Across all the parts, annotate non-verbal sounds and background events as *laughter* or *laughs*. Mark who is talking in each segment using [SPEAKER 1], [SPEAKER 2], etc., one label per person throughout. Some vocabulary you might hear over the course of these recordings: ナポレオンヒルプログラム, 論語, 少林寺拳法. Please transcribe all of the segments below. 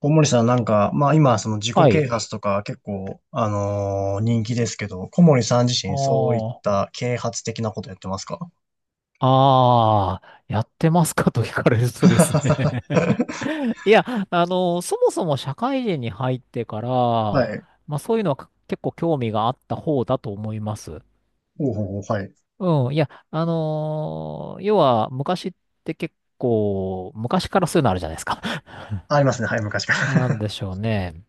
[SPEAKER 1] 小森さんなんか、まあ今その自己
[SPEAKER 2] は
[SPEAKER 1] 啓
[SPEAKER 2] い。
[SPEAKER 1] 発とか結構、人気ですけど、小森さん自身そういっ
[SPEAKER 2] ああ、
[SPEAKER 1] た啓発的なことやってますか？
[SPEAKER 2] ああ、やってますかと聞かれるとで
[SPEAKER 1] *laughs*
[SPEAKER 2] すね。 *laughs* いや、そもそも社会人に入ってから、
[SPEAKER 1] はい。
[SPEAKER 2] まあそういうのは結構興味があった方だと思います。
[SPEAKER 1] おうほうほう、はい。
[SPEAKER 2] うん、いや、要は昔って結構、昔からそういうのあるじゃないですか。
[SPEAKER 1] ありますね。はい、昔か
[SPEAKER 2] *laughs* なんで
[SPEAKER 1] ら。
[SPEAKER 2] しょうね。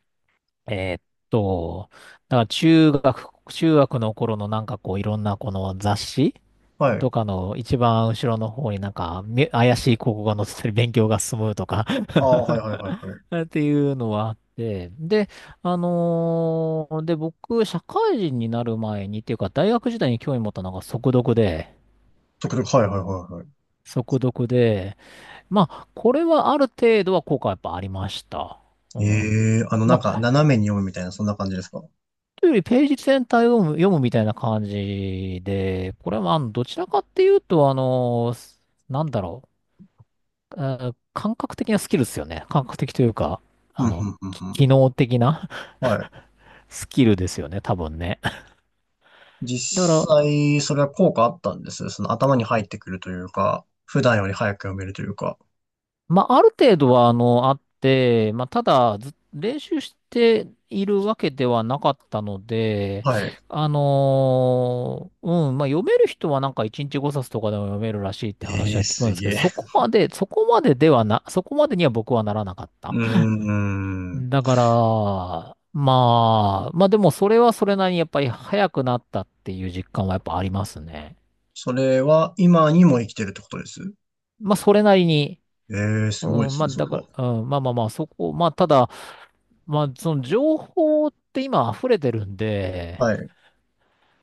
[SPEAKER 2] えーっと、だから中学の頃のなんかこういろんなこの雑誌
[SPEAKER 1] *laughs* はい。
[SPEAKER 2] とかの一番後ろの方になんかめ怪しい広告が載ってたり勉強が進むとか
[SPEAKER 1] ああ、はいはいはいはい。
[SPEAKER 2] *laughs* っていうのはあって、で、僕、社会人になる前にっていうか大学時代に興味持ったのが速読で、
[SPEAKER 1] とくちょく、はいはいはいはい。
[SPEAKER 2] 速読で、まあ、これはある程度は効果はやっぱありました。うん。
[SPEAKER 1] ええ、なん
[SPEAKER 2] ま
[SPEAKER 1] か
[SPEAKER 2] あ
[SPEAKER 1] 斜めに読むみたいな、そんな感じですか？
[SPEAKER 2] というよりページ全体を読むみたいな感じで、これはまあ、どちらかっていうと、なんだろ感覚的なスキルですよね。感覚的というか、
[SPEAKER 1] うん、うん、うん、
[SPEAKER 2] 機
[SPEAKER 1] う
[SPEAKER 2] 能的な
[SPEAKER 1] ん。はい。
[SPEAKER 2] *laughs* スキルですよね、多分ね。だか
[SPEAKER 1] 実
[SPEAKER 2] ら、
[SPEAKER 1] 際、それは効果あったんですその頭に入ってくるというか、普段より早く読めるというか。
[SPEAKER 2] まあ、ある程度は、あって、まあ、ただ、ず練習しているわけではなかったので、
[SPEAKER 1] はい。
[SPEAKER 2] うん、まあ、読める人はなんか1日5冊とかでも読めるらしいって話
[SPEAKER 1] ええ
[SPEAKER 2] は聞くん
[SPEAKER 1] す
[SPEAKER 2] ですけど、
[SPEAKER 1] げえ。
[SPEAKER 2] そこまでには僕はならなかった。
[SPEAKER 1] うーん。
[SPEAKER 2] だから、まあ、まあでもそれはそれなりにやっぱり早くなったっていう実感はやっぱありますね。
[SPEAKER 1] それは今にも生きてるってことです
[SPEAKER 2] まあ、それなりに、
[SPEAKER 1] ええー、すごい
[SPEAKER 2] う
[SPEAKER 1] で
[SPEAKER 2] ん、
[SPEAKER 1] す
[SPEAKER 2] まあ、
[SPEAKER 1] ね、それ
[SPEAKER 2] だか
[SPEAKER 1] は。
[SPEAKER 2] ら、うん、まあ、ただ、まあ、その情報って今溢れてるんで、
[SPEAKER 1] はい。う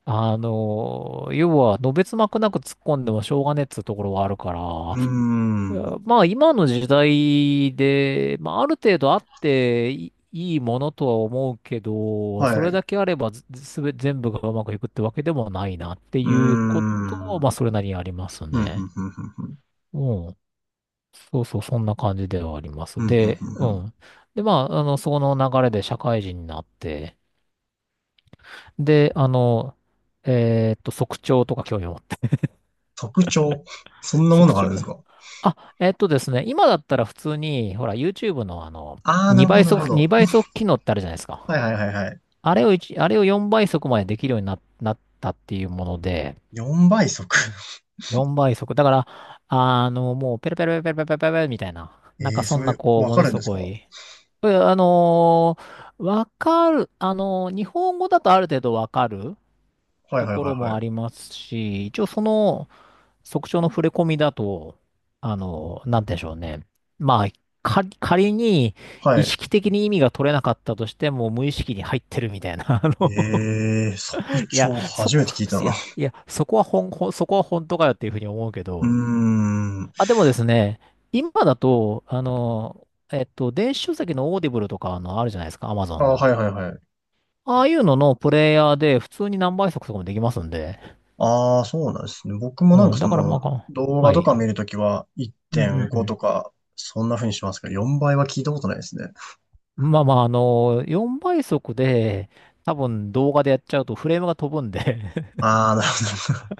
[SPEAKER 2] 要は、のべつ幕なく突っ込んでもしょうがねえっつうところはあるか
[SPEAKER 1] ー
[SPEAKER 2] ら、
[SPEAKER 1] ん。
[SPEAKER 2] うんまあ、今の時代で、まあ、ある程度あっていいいものとは思うけど、そ
[SPEAKER 1] は
[SPEAKER 2] れ
[SPEAKER 1] い。う
[SPEAKER 2] だけあればず、すべ、全部がうまくいくってわけでもないなって
[SPEAKER 1] ー
[SPEAKER 2] いうことは、
[SPEAKER 1] ん。
[SPEAKER 2] まあ、それなりにあります
[SPEAKER 1] ふんふん
[SPEAKER 2] ね。
[SPEAKER 1] ふんふんふん。
[SPEAKER 2] うん。そうそう、そんな感じではありま
[SPEAKER 1] ふ
[SPEAKER 2] す。
[SPEAKER 1] んふん
[SPEAKER 2] で、
[SPEAKER 1] ふんふ
[SPEAKER 2] う
[SPEAKER 1] ん。
[SPEAKER 2] ん。で、まあ、その流れで社会人になって、で、速聴とか興味を持って、
[SPEAKER 1] 特徴。そん
[SPEAKER 2] *laughs*
[SPEAKER 1] なもの
[SPEAKER 2] 速
[SPEAKER 1] があるんで
[SPEAKER 2] 聴、
[SPEAKER 1] すか？
[SPEAKER 2] あ、ですね、今だったら普通に、ほら、YouTube の
[SPEAKER 1] ああー、なるほ
[SPEAKER 2] 2倍
[SPEAKER 1] ど、なるほ
[SPEAKER 2] 速、
[SPEAKER 1] ど。
[SPEAKER 2] 2倍速機能ってあるじゃないですか。
[SPEAKER 1] はいはいはいはい。
[SPEAKER 2] あれを一あれを4倍速までできるようになったっていうもので、
[SPEAKER 1] 4倍速。*laughs*
[SPEAKER 2] 4倍速。だから、もう、ペラペラペラペラペラペラペラみたいな、なん
[SPEAKER 1] ええ
[SPEAKER 2] か
[SPEAKER 1] ー、
[SPEAKER 2] そ
[SPEAKER 1] そ
[SPEAKER 2] んな、
[SPEAKER 1] れ、
[SPEAKER 2] こう、
[SPEAKER 1] わ
[SPEAKER 2] も
[SPEAKER 1] か
[SPEAKER 2] の
[SPEAKER 1] るん
[SPEAKER 2] す
[SPEAKER 1] ですか？
[SPEAKER 2] ご
[SPEAKER 1] は
[SPEAKER 2] い、えあのーわかる、あのー日本語だとある程度わかる
[SPEAKER 1] いはい
[SPEAKER 2] と
[SPEAKER 1] はい
[SPEAKER 2] ころも
[SPEAKER 1] は
[SPEAKER 2] あり
[SPEAKER 1] い。
[SPEAKER 2] ますし、一応その速聴の触れ込みだと、なんて言うんでしょうね。まあ、仮に
[SPEAKER 1] は
[SPEAKER 2] 意
[SPEAKER 1] い。
[SPEAKER 2] 識的に意味が取れなかったとしても無意識に入ってるみたいな、*laughs* あの、
[SPEAKER 1] ええー、速
[SPEAKER 2] いや、
[SPEAKER 1] 聴
[SPEAKER 2] そ
[SPEAKER 1] 初
[SPEAKER 2] こ、
[SPEAKER 1] めて聞いた
[SPEAKER 2] い
[SPEAKER 1] な。
[SPEAKER 2] や、いや、そこは本、ほんそこは本当かよっていうふうに思うけ
[SPEAKER 1] うー
[SPEAKER 2] ど、
[SPEAKER 1] ん。
[SPEAKER 2] あ、でもですね、今だと、電子書籍のオーディブルとかあるじゃないですか、アマゾ
[SPEAKER 1] あ
[SPEAKER 2] ン
[SPEAKER 1] あ、は
[SPEAKER 2] の。
[SPEAKER 1] いはいはい。
[SPEAKER 2] ああいうののプレイヤーで普通に何倍速とかもできますんで。
[SPEAKER 1] ああ、そうなんですね。僕もなん
[SPEAKER 2] う
[SPEAKER 1] か
[SPEAKER 2] ん、
[SPEAKER 1] そ
[SPEAKER 2] だから
[SPEAKER 1] の、
[SPEAKER 2] まあか、
[SPEAKER 1] 動画
[SPEAKER 2] は
[SPEAKER 1] とか
[SPEAKER 2] い。
[SPEAKER 1] 見るときは
[SPEAKER 2] うんうん
[SPEAKER 1] 1.5
[SPEAKER 2] う
[SPEAKER 1] とか、そんな風にしますけど、4倍は聞いたことないですね。
[SPEAKER 2] ん。まあまあ、4倍速で、多分動画でやっちゃうとフレームが飛ぶんで
[SPEAKER 1] ああ、なるほど。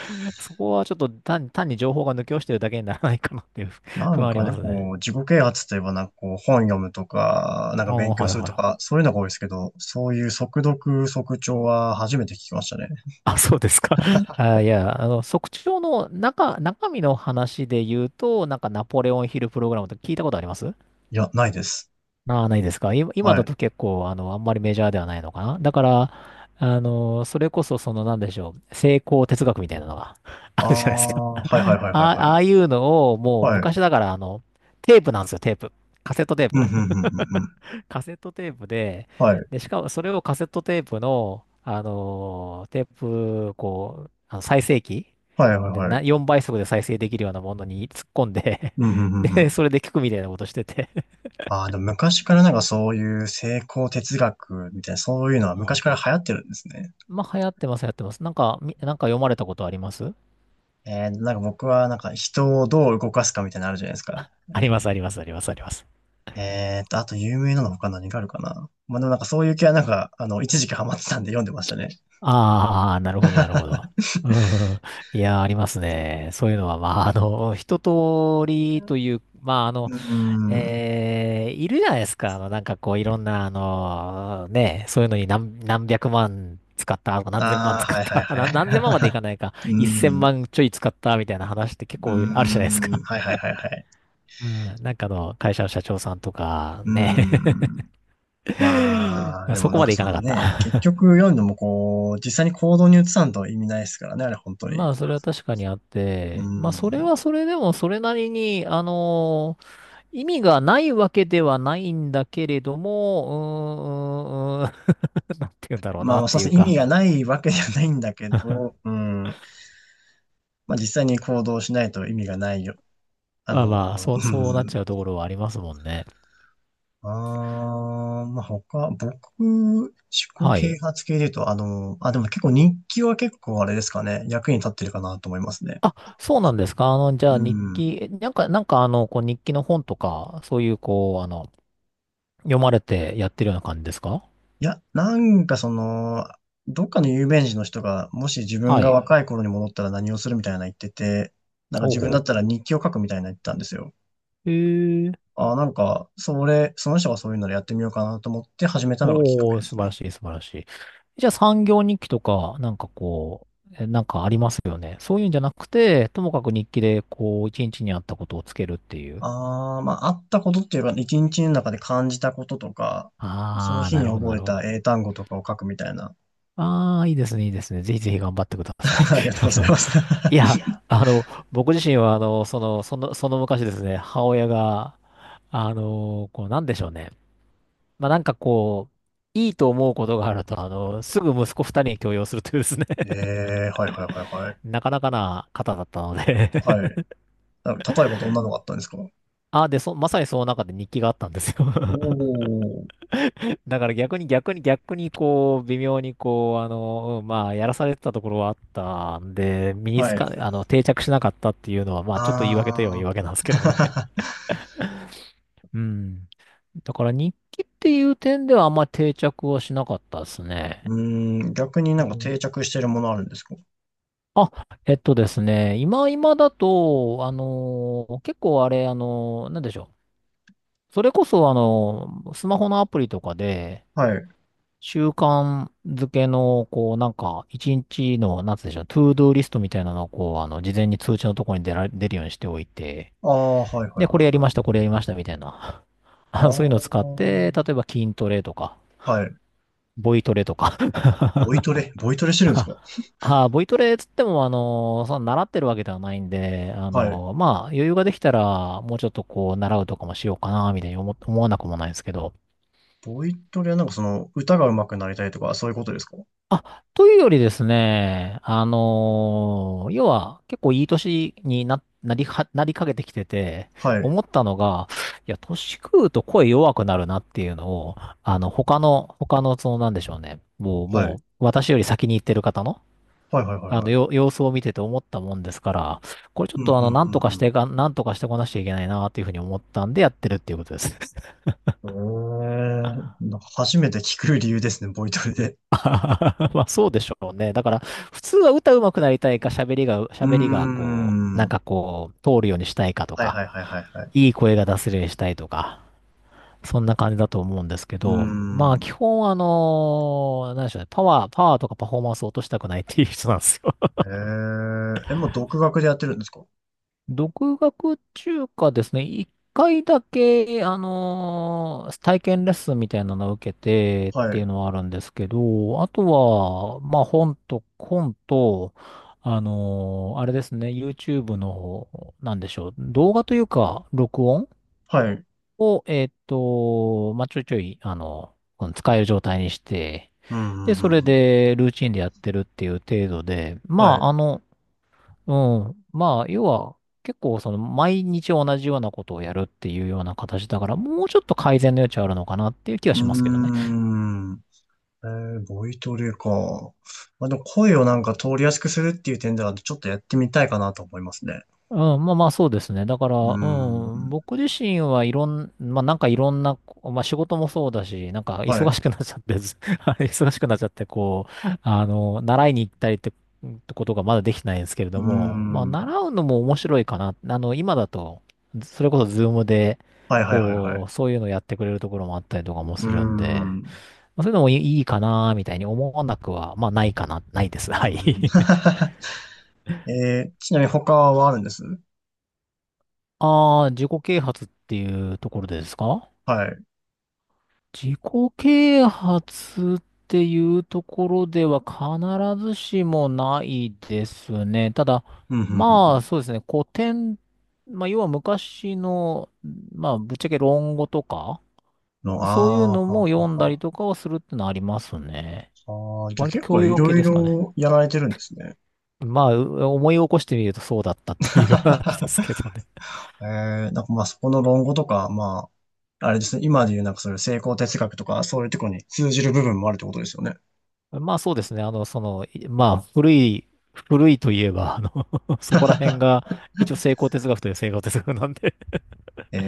[SPEAKER 2] *laughs* そこはちょっと単に情報が抜け落ちてるだけにならないかなっていう
[SPEAKER 1] *laughs*
[SPEAKER 2] *laughs*
[SPEAKER 1] な
[SPEAKER 2] 不
[SPEAKER 1] ん
[SPEAKER 2] 安あり
[SPEAKER 1] か
[SPEAKER 2] ま
[SPEAKER 1] ね、
[SPEAKER 2] す
[SPEAKER 1] こ
[SPEAKER 2] ね。
[SPEAKER 1] う、自己啓発といえばなんかこう、本読むとか、なんか
[SPEAKER 2] ああ、
[SPEAKER 1] 勉強
[SPEAKER 2] はい
[SPEAKER 1] する
[SPEAKER 2] は
[SPEAKER 1] と
[SPEAKER 2] い。
[SPEAKER 1] か、そういうのが多いですけど、そういう速読、速聴は初めて聞きましたね。
[SPEAKER 2] あ、そうですか。*laughs* あ、いや、測定の中身の話で言うと、なんかナポレオンヒルプログラムとか聞いたことあります？
[SPEAKER 1] いや、ないです。
[SPEAKER 2] ああ、ないですか。今、今
[SPEAKER 1] は
[SPEAKER 2] だ
[SPEAKER 1] い。
[SPEAKER 2] と結構、あんまりメジャーではないのかな。だから、それこそ、その、なんでしょう、成功哲学みたいなのが *laughs* あ
[SPEAKER 1] あ
[SPEAKER 2] るじゃないですか。
[SPEAKER 1] あ、
[SPEAKER 2] あ
[SPEAKER 1] はいはいはいはい
[SPEAKER 2] あ、あ
[SPEAKER 1] は
[SPEAKER 2] あいうのを、
[SPEAKER 1] い。
[SPEAKER 2] もう、
[SPEAKER 1] はい。
[SPEAKER 2] 昔だから、テープなんですよ、テープ。カセットテー
[SPEAKER 1] うん、
[SPEAKER 2] プ。
[SPEAKER 1] うん、うん、うん、うん。
[SPEAKER 2] *laughs* カセットテープで、
[SPEAKER 1] はい。
[SPEAKER 2] で、しかも、それをカセットテープの、テープ、こう、再生機
[SPEAKER 1] はいはい
[SPEAKER 2] で、
[SPEAKER 1] はい。
[SPEAKER 2] 4倍速で再生できるようなものに突っ込んで
[SPEAKER 1] うん、うん、
[SPEAKER 2] *laughs*
[SPEAKER 1] うん、う
[SPEAKER 2] で、そ
[SPEAKER 1] ん。
[SPEAKER 2] れで聞くみたいなことしてて、
[SPEAKER 1] ああ、でも昔からなんかそういう成功哲学みたいな、そういうのは
[SPEAKER 2] う
[SPEAKER 1] 昔
[SPEAKER 2] ん
[SPEAKER 1] から流行ってるんですね。
[SPEAKER 2] まあ、流行ってます、流行ってます。なんか、なんか読まれたことあります？
[SPEAKER 1] なんか僕はなんか人をどう動かすかみたいなのあるじゃないですか。
[SPEAKER 2] あります、あります、あります、あります。
[SPEAKER 1] あと有名なの他何があるかな。まあでもなんかそういう系はなんか、一時期ハマってたんで読んでましたね。
[SPEAKER 2] ああ、なるほど、なるほど。うん。いやー、ありますね。そういうのは、まあ、一通りという、まあ、
[SPEAKER 1] うーん。
[SPEAKER 2] いるじゃないですか。あの、なんかこう、いろんな、あの、ね、そういうのに何百万使った、何千万
[SPEAKER 1] ああ、
[SPEAKER 2] 使っ
[SPEAKER 1] はいはい
[SPEAKER 2] た、
[SPEAKER 1] は
[SPEAKER 2] *laughs* 何千万までいかないか、
[SPEAKER 1] い。*laughs*
[SPEAKER 2] 一千
[SPEAKER 1] うーん。
[SPEAKER 2] 万ちょい使った、みたいな話って結
[SPEAKER 1] うー
[SPEAKER 2] 構あるじゃないです
[SPEAKER 1] ん。
[SPEAKER 2] か。
[SPEAKER 1] はいはいはいはい。
[SPEAKER 2] うん。なんかあの、会社の社長さんとか、
[SPEAKER 1] うー
[SPEAKER 2] ね。
[SPEAKER 1] ん。まあ、
[SPEAKER 2] *laughs*
[SPEAKER 1] で
[SPEAKER 2] そ
[SPEAKER 1] も
[SPEAKER 2] こ
[SPEAKER 1] なん
[SPEAKER 2] ま
[SPEAKER 1] か
[SPEAKER 2] でいか
[SPEAKER 1] そ
[SPEAKER 2] な
[SPEAKER 1] の
[SPEAKER 2] かっ
[SPEAKER 1] ね、結
[SPEAKER 2] た。
[SPEAKER 1] 局読んでもこう、実際に行動に移さんと意味ないですからね、あれ本
[SPEAKER 2] *laughs*
[SPEAKER 1] 当に。
[SPEAKER 2] まあ、それは確かにあっ
[SPEAKER 1] う
[SPEAKER 2] て、まあ、それ
[SPEAKER 1] ん。
[SPEAKER 2] はそれでも、それなりに、意味がないわけではないんだけれども、うーん、うーん、うーん *laughs* なんて言うんだろうな
[SPEAKER 1] ま
[SPEAKER 2] っ
[SPEAKER 1] あ、そ
[SPEAKER 2] て
[SPEAKER 1] う
[SPEAKER 2] い
[SPEAKER 1] です
[SPEAKER 2] う
[SPEAKER 1] ね、意
[SPEAKER 2] か、
[SPEAKER 1] 味がないわけじゃないんだけど、
[SPEAKER 2] *laughs*
[SPEAKER 1] うん。まあ、実際に行動しないと意味がないよ。
[SPEAKER 2] まあまあ、そ
[SPEAKER 1] う
[SPEAKER 2] う、そうなっち
[SPEAKER 1] ん。
[SPEAKER 2] ゃうところはありますもんね。
[SPEAKER 1] あー、まあ、他、僕、思考
[SPEAKER 2] は
[SPEAKER 1] 啓
[SPEAKER 2] い。
[SPEAKER 1] 発系で言うと、あ、でもね結構日記は結構あれですかね、役に立ってるかなと思いますね。
[SPEAKER 2] あ、そうなんですか。あの、じ
[SPEAKER 1] う
[SPEAKER 2] ゃあ日
[SPEAKER 1] ん。
[SPEAKER 2] 記、なんか、なんかあの、こう日記の本とか、そういう、こう、読まれてやってるような感じですか？
[SPEAKER 1] いや、なんかその、どっかの有名人の人が、もし自分
[SPEAKER 2] は
[SPEAKER 1] が
[SPEAKER 2] い。
[SPEAKER 1] 若い頃に戻ったら何をするみたいな言ってて、なんか
[SPEAKER 2] ほう
[SPEAKER 1] 自分だっ
[SPEAKER 2] ほ
[SPEAKER 1] たら日記を書くみたいな言ってたんですよ。
[SPEAKER 2] う。へえ。
[SPEAKER 1] あー、なんか、それ、その人がそういうのでやってみようかなと思って始めたのがきっかけ
[SPEAKER 2] おー、
[SPEAKER 1] で
[SPEAKER 2] 素晴
[SPEAKER 1] す
[SPEAKER 2] ら
[SPEAKER 1] ね。
[SPEAKER 2] しい、素晴らしい。じゃあ産業日記とか、なんかこう、なんかありますよね。そういうんじゃなくて、ともかく日記で、こう、一日にあったことをつけるっていう。
[SPEAKER 1] ああ、まあ、あったことっていうか、一日の中で感じたこととか、その
[SPEAKER 2] ああ、
[SPEAKER 1] 日
[SPEAKER 2] な
[SPEAKER 1] に
[SPEAKER 2] るほど、な
[SPEAKER 1] 覚え
[SPEAKER 2] るほ
[SPEAKER 1] た
[SPEAKER 2] ど。
[SPEAKER 1] 英単語とかを書くみたいな。
[SPEAKER 2] ああ、いいですね、いいですね。ぜひぜひ頑張ってください。
[SPEAKER 1] *laughs* ありがと
[SPEAKER 2] *laughs*
[SPEAKER 1] う
[SPEAKER 2] あ
[SPEAKER 1] ござい
[SPEAKER 2] の、
[SPEAKER 1] ます。
[SPEAKER 2] い
[SPEAKER 1] *laughs*
[SPEAKER 2] や、あの、僕自身は、その昔ですね、母親が、こう、なんでしょうね。まあ、なんかこう、いいと思うことがあると、すぐ息子二人に強要するというですね、
[SPEAKER 1] ええはいはいはいはい。
[SPEAKER 2] なかなかな方だったので。
[SPEAKER 1] は
[SPEAKER 2] *laughs*
[SPEAKER 1] い。あ、例えばどんなのがあったんですか？
[SPEAKER 2] あ、で、そ、まさにその中で日記があったんですよ。
[SPEAKER 1] お
[SPEAKER 2] *laughs*
[SPEAKER 1] ー。
[SPEAKER 2] だから逆にこう、微妙にこう、うんまあ、やらされてたところはあったんで、身に
[SPEAKER 1] は
[SPEAKER 2] つ
[SPEAKER 1] い。
[SPEAKER 2] か、あの、定着しなかったっていうのは、まあ、ちょっと言い訳といえば言い
[SPEAKER 1] あ
[SPEAKER 2] 訳なんで
[SPEAKER 1] あ。
[SPEAKER 2] すけどね。
[SPEAKER 1] *laughs*
[SPEAKER 2] *laughs* うん。だから日記っていう点ではあんまり定着はしなかったですね。
[SPEAKER 1] うーん、逆にな
[SPEAKER 2] う
[SPEAKER 1] んか定
[SPEAKER 2] ん。
[SPEAKER 1] 着してるものあるんですか？
[SPEAKER 2] あ、えっとですね、今今だと、結構あれ、なんでしょう、それこそ、スマホのアプリとかで、
[SPEAKER 1] はい。
[SPEAKER 2] 習慣づけの、こう、なんか、一日の、なんつうんでしょう、トゥードゥーリストみたいなのを、こう、事前に通知のところに出るようにしておいて、
[SPEAKER 1] ああ、はいはい
[SPEAKER 2] で、こ
[SPEAKER 1] はい
[SPEAKER 2] れやり
[SPEAKER 1] は
[SPEAKER 2] まし
[SPEAKER 1] い。
[SPEAKER 2] た、これやりました、みたいな。*laughs*
[SPEAKER 1] あ
[SPEAKER 2] あ、そういうのを使っ
[SPEAKER 1] あ。
[SPEAKER 2] て、例えば筋トレとか、
[SPEAKER 1] はい。
[SPEAKER 2] ボイトレとか。
[SPEAKER 1] ボイトレ、ボイトレしてるんです
[SPEAKER 2] *laughs*
[SPEAKER 1] か？
[SPEAKER 2] あ、ボイトレつっても、その習ってるわけではないんで、
[SPEAKER 1] はい。
[SPEAKER 2] まあ、余裕ができたら、もうちょっとこう、習うとかもしようかな、みたいに思わなくもないんですけど、
[SPEAKER 1] ボイトレはなんかその歌が上手くなりたいとか、そういうことですか？
[SPEAKER 2] あ、というよりですね、要は結構いい年になりかけてきてて、
[SPEAKER 1] はい。
[SPEAKER 2] 思ったのが、いや、年食うと声弱くなるなっていうのを、あの、他の、その、なんでしょうね、
[SPEAKER 1] は
[SPEAKER 2] も
[SPEAKER 1] い。
[SPEAKER 2] う、私より先に行ってる方の、
[SPEAKER 1] はいはいはい
[SPEAKER 2] あの、
[SPEAKER 1] はい。
[SPEAKER 2] 様子を見てて思ったもんですから、これちょっ
[SPEAKER 1] うん
[SPEAKER 2] とあ
[SPEAKER 1] う
[SPEAKER 2] の、
[SPEAKER 1] んうんうん。
[SPEAKER 2] なんとかしてこなきゃいけないなっていうふうに思ったんでやってるっていうことです。
[SPEAKER 1] なんか初めて聞く理由ですね、ボイトレで。
[SPEAKER 2] *laughs* まあそうでしょうね。だから普通は歌うまくなりたいか
[SPEAKER 1] うー
[SPEAKER 2] 喋りがこう、なん
[SPEAKER 1] ん。
[SPEAKER 2] かこう通るようにしたいかと
[SPEAKER 1] はい
[SPEAKER 2] か、
[SPEAKER 1] はいはいはいはい。
[SPEAKER 2] いい声が出せるようにしたいとか、そんな感じだと思うんですけ
[SPEAKER 1] うー
[SPEAKER 2] ど、まあ基
[SPEAKER 1] ん。
[SPEAKER 2] 本あの、何でしょうね、パワーとかパフォーマンスを落としたくないっていう人なんですよ。
[SPEAKER 1] もう独学でやってるんですか？
[SPEAKER 2] 独学中華ですね。一回だけ、体験レッスンみたいなのを受けてっ
[SPEAKER 1] は
[SPEAKER 2] ていう
[SPEAKER 1] い。
[SPEAKER 2] のはあるんですけど、あとは、まあ本と、あれですね、YouTube の、なんでしょう、動画というか、録音
[SPEAKER 1] はい。
[SPEAKER 2] を、まあちょいちょい、あの、うん使える状態にして、
[SPEAKER 1] うんう
[SPEAKER 2] で、
[SPEAKER 1] んう
[SPEAKER 2] それ
[SPEAKER 1] んうん。
[SPEAKER 2] でルーチンでやってるっていう程度で、ま
[SPEAKER 1] はい。
[SPEAKER 2] あ
[SPEAKER 1] う
[SPEAKER 2] あの、うん。まあ、要は、結構その毎日同じようなことをやるっていうような形だから、もうちょっと改善の余地あるのかなっていう気は
[SPEAKER 1] ー
[SPEAKER 2] しますけどね。
[SPEAKER 1] ん。ボイトレか。まあ、でも声をなんか通りやすくするっていう点では、ちょっとやってみたいかなと思いますね。
[SPEAKER 2] うん、まあまあそうですね。だから、
[SPEAKER 1] うー
[SPEAKER 2] うん、
[SPEAKER 1] ん。
[SPEAKER 2] 僕自身はいろん、まあなんかいろんな、まあ仕事もそうだし、なんか
[SPEAKER 1] は
[SPEAKER 2] 忙
[SPEAKER 1] い。
[SPEAKER 2] しくなっちゃって、ず *laughs* あれ忙しくなっちゃって、こう、あの、習いに行ったりって、ってことがまだできてないんですけれ
[SPEAKER 1] う
[SPEAKER 2] ど
[SPEAKER 1] ー
[SPEAKER 2] も、まあ習
[SPEAKER 1] ん。
[SPEAKER 2] うのも面白いかな。あの、今だと、それこそズームで、
[SPEAKER 1] はいはいはいはい。
[SPEAKER 2] こう、そういうのやってくれるところもあったりとかも
[SPEAKER 1] うー
[SPEAKER 2] するんで、
[SPEAKER 1] ん。う
[SPEAKER 2] まあ、そういうのもいいかな、みたいに思わなくは、ないで
[SPEAKER 1] ー
[SPEAKER 2] す。はい。*laughs*
[SPEAKER 1] ん。*laughs* ちなみに他はあるんです
[SPEAKER 2] ああ、自己啓発っていうところですか。
[SPEAKER 1] はい。
[SPEAKER 2] 自己啓発っていうところでは必ずしもないですね。ただ、
[SPEAKER 1] うん、うん、うんう
[SPEAKER 2] まあ
[SPEAKER 1] ん。
[SPEAKER 2] そうですね、古典、まあ要は昔の、まあぶっちゃけ論語とか、
[SPEAKER 1] の、
[SPEAKER 2] そういう
[SPEAKER 1] あ
[SPEAKER 2] の
[SPEAKER 1] あー、はあ、
[SPEAKER 2] も
[SPEAKER 1] は
[SPEAKER 2] 読ん
[SPEAKER 1] あ、
[SPEAKER 2] だり
[SPEAKER 1] は
[SPEAKER 2] とかをするってのはありますね。
[SPEAKER 1] あ。あー、じゃあ
[SPEAKER 2] 割と
[SPEAKER 1] 結
[SPEAKER 2] 教
[SPEAKER 1] 構い
[SPEAKER 2] 養系
[SPEAKER 1] ろい
[SPEAKER 2] ですかね。
[SPEAKER 1] ろやられてるんですね。
[SPEAKER 2] まあ、思い起こしてみるとそうだったっていう話ですけ
[SPEAKER 1] *laughs*
[SPEAKER 2] どね。
[SPEAKER 1] えなんかまあそこの論語とか、まあ、あれですね、今で言うなんかそういう成功哲学とか、そういうところに通じる部分もあるってことですよね。
[SPEAKER 2] まあそうですね。あの、その、まあ古い、古いといえば、あの *laughs* そこら辺が一応成功哲学という成功哲学なんで、
[SPEAKER 1] え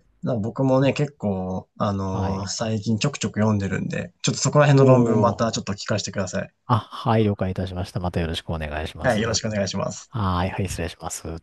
[SPEAKER 1] えな僕もね、結構、
[SPEAKER 2] *laughs* はい。
[SPEAKER 1] 最近ちょくちょく読んでるんで、ちょっとそこら辺の論文ま
[SPEAKER 2] おー。
[SPEAKER 1] たちょっと聞かせてください。
[SPEAKER 2] あ、はい、了解いたしました。またよろしくお願いしま
[SPEAKER 1] はい、
[SPEAKER 2] す。
[SPEAKER 1] よろし
[SPEAKER 2] は
[SPEAKER 1] くお願いします。
[SPEAKER 2] い、はい、失礼します。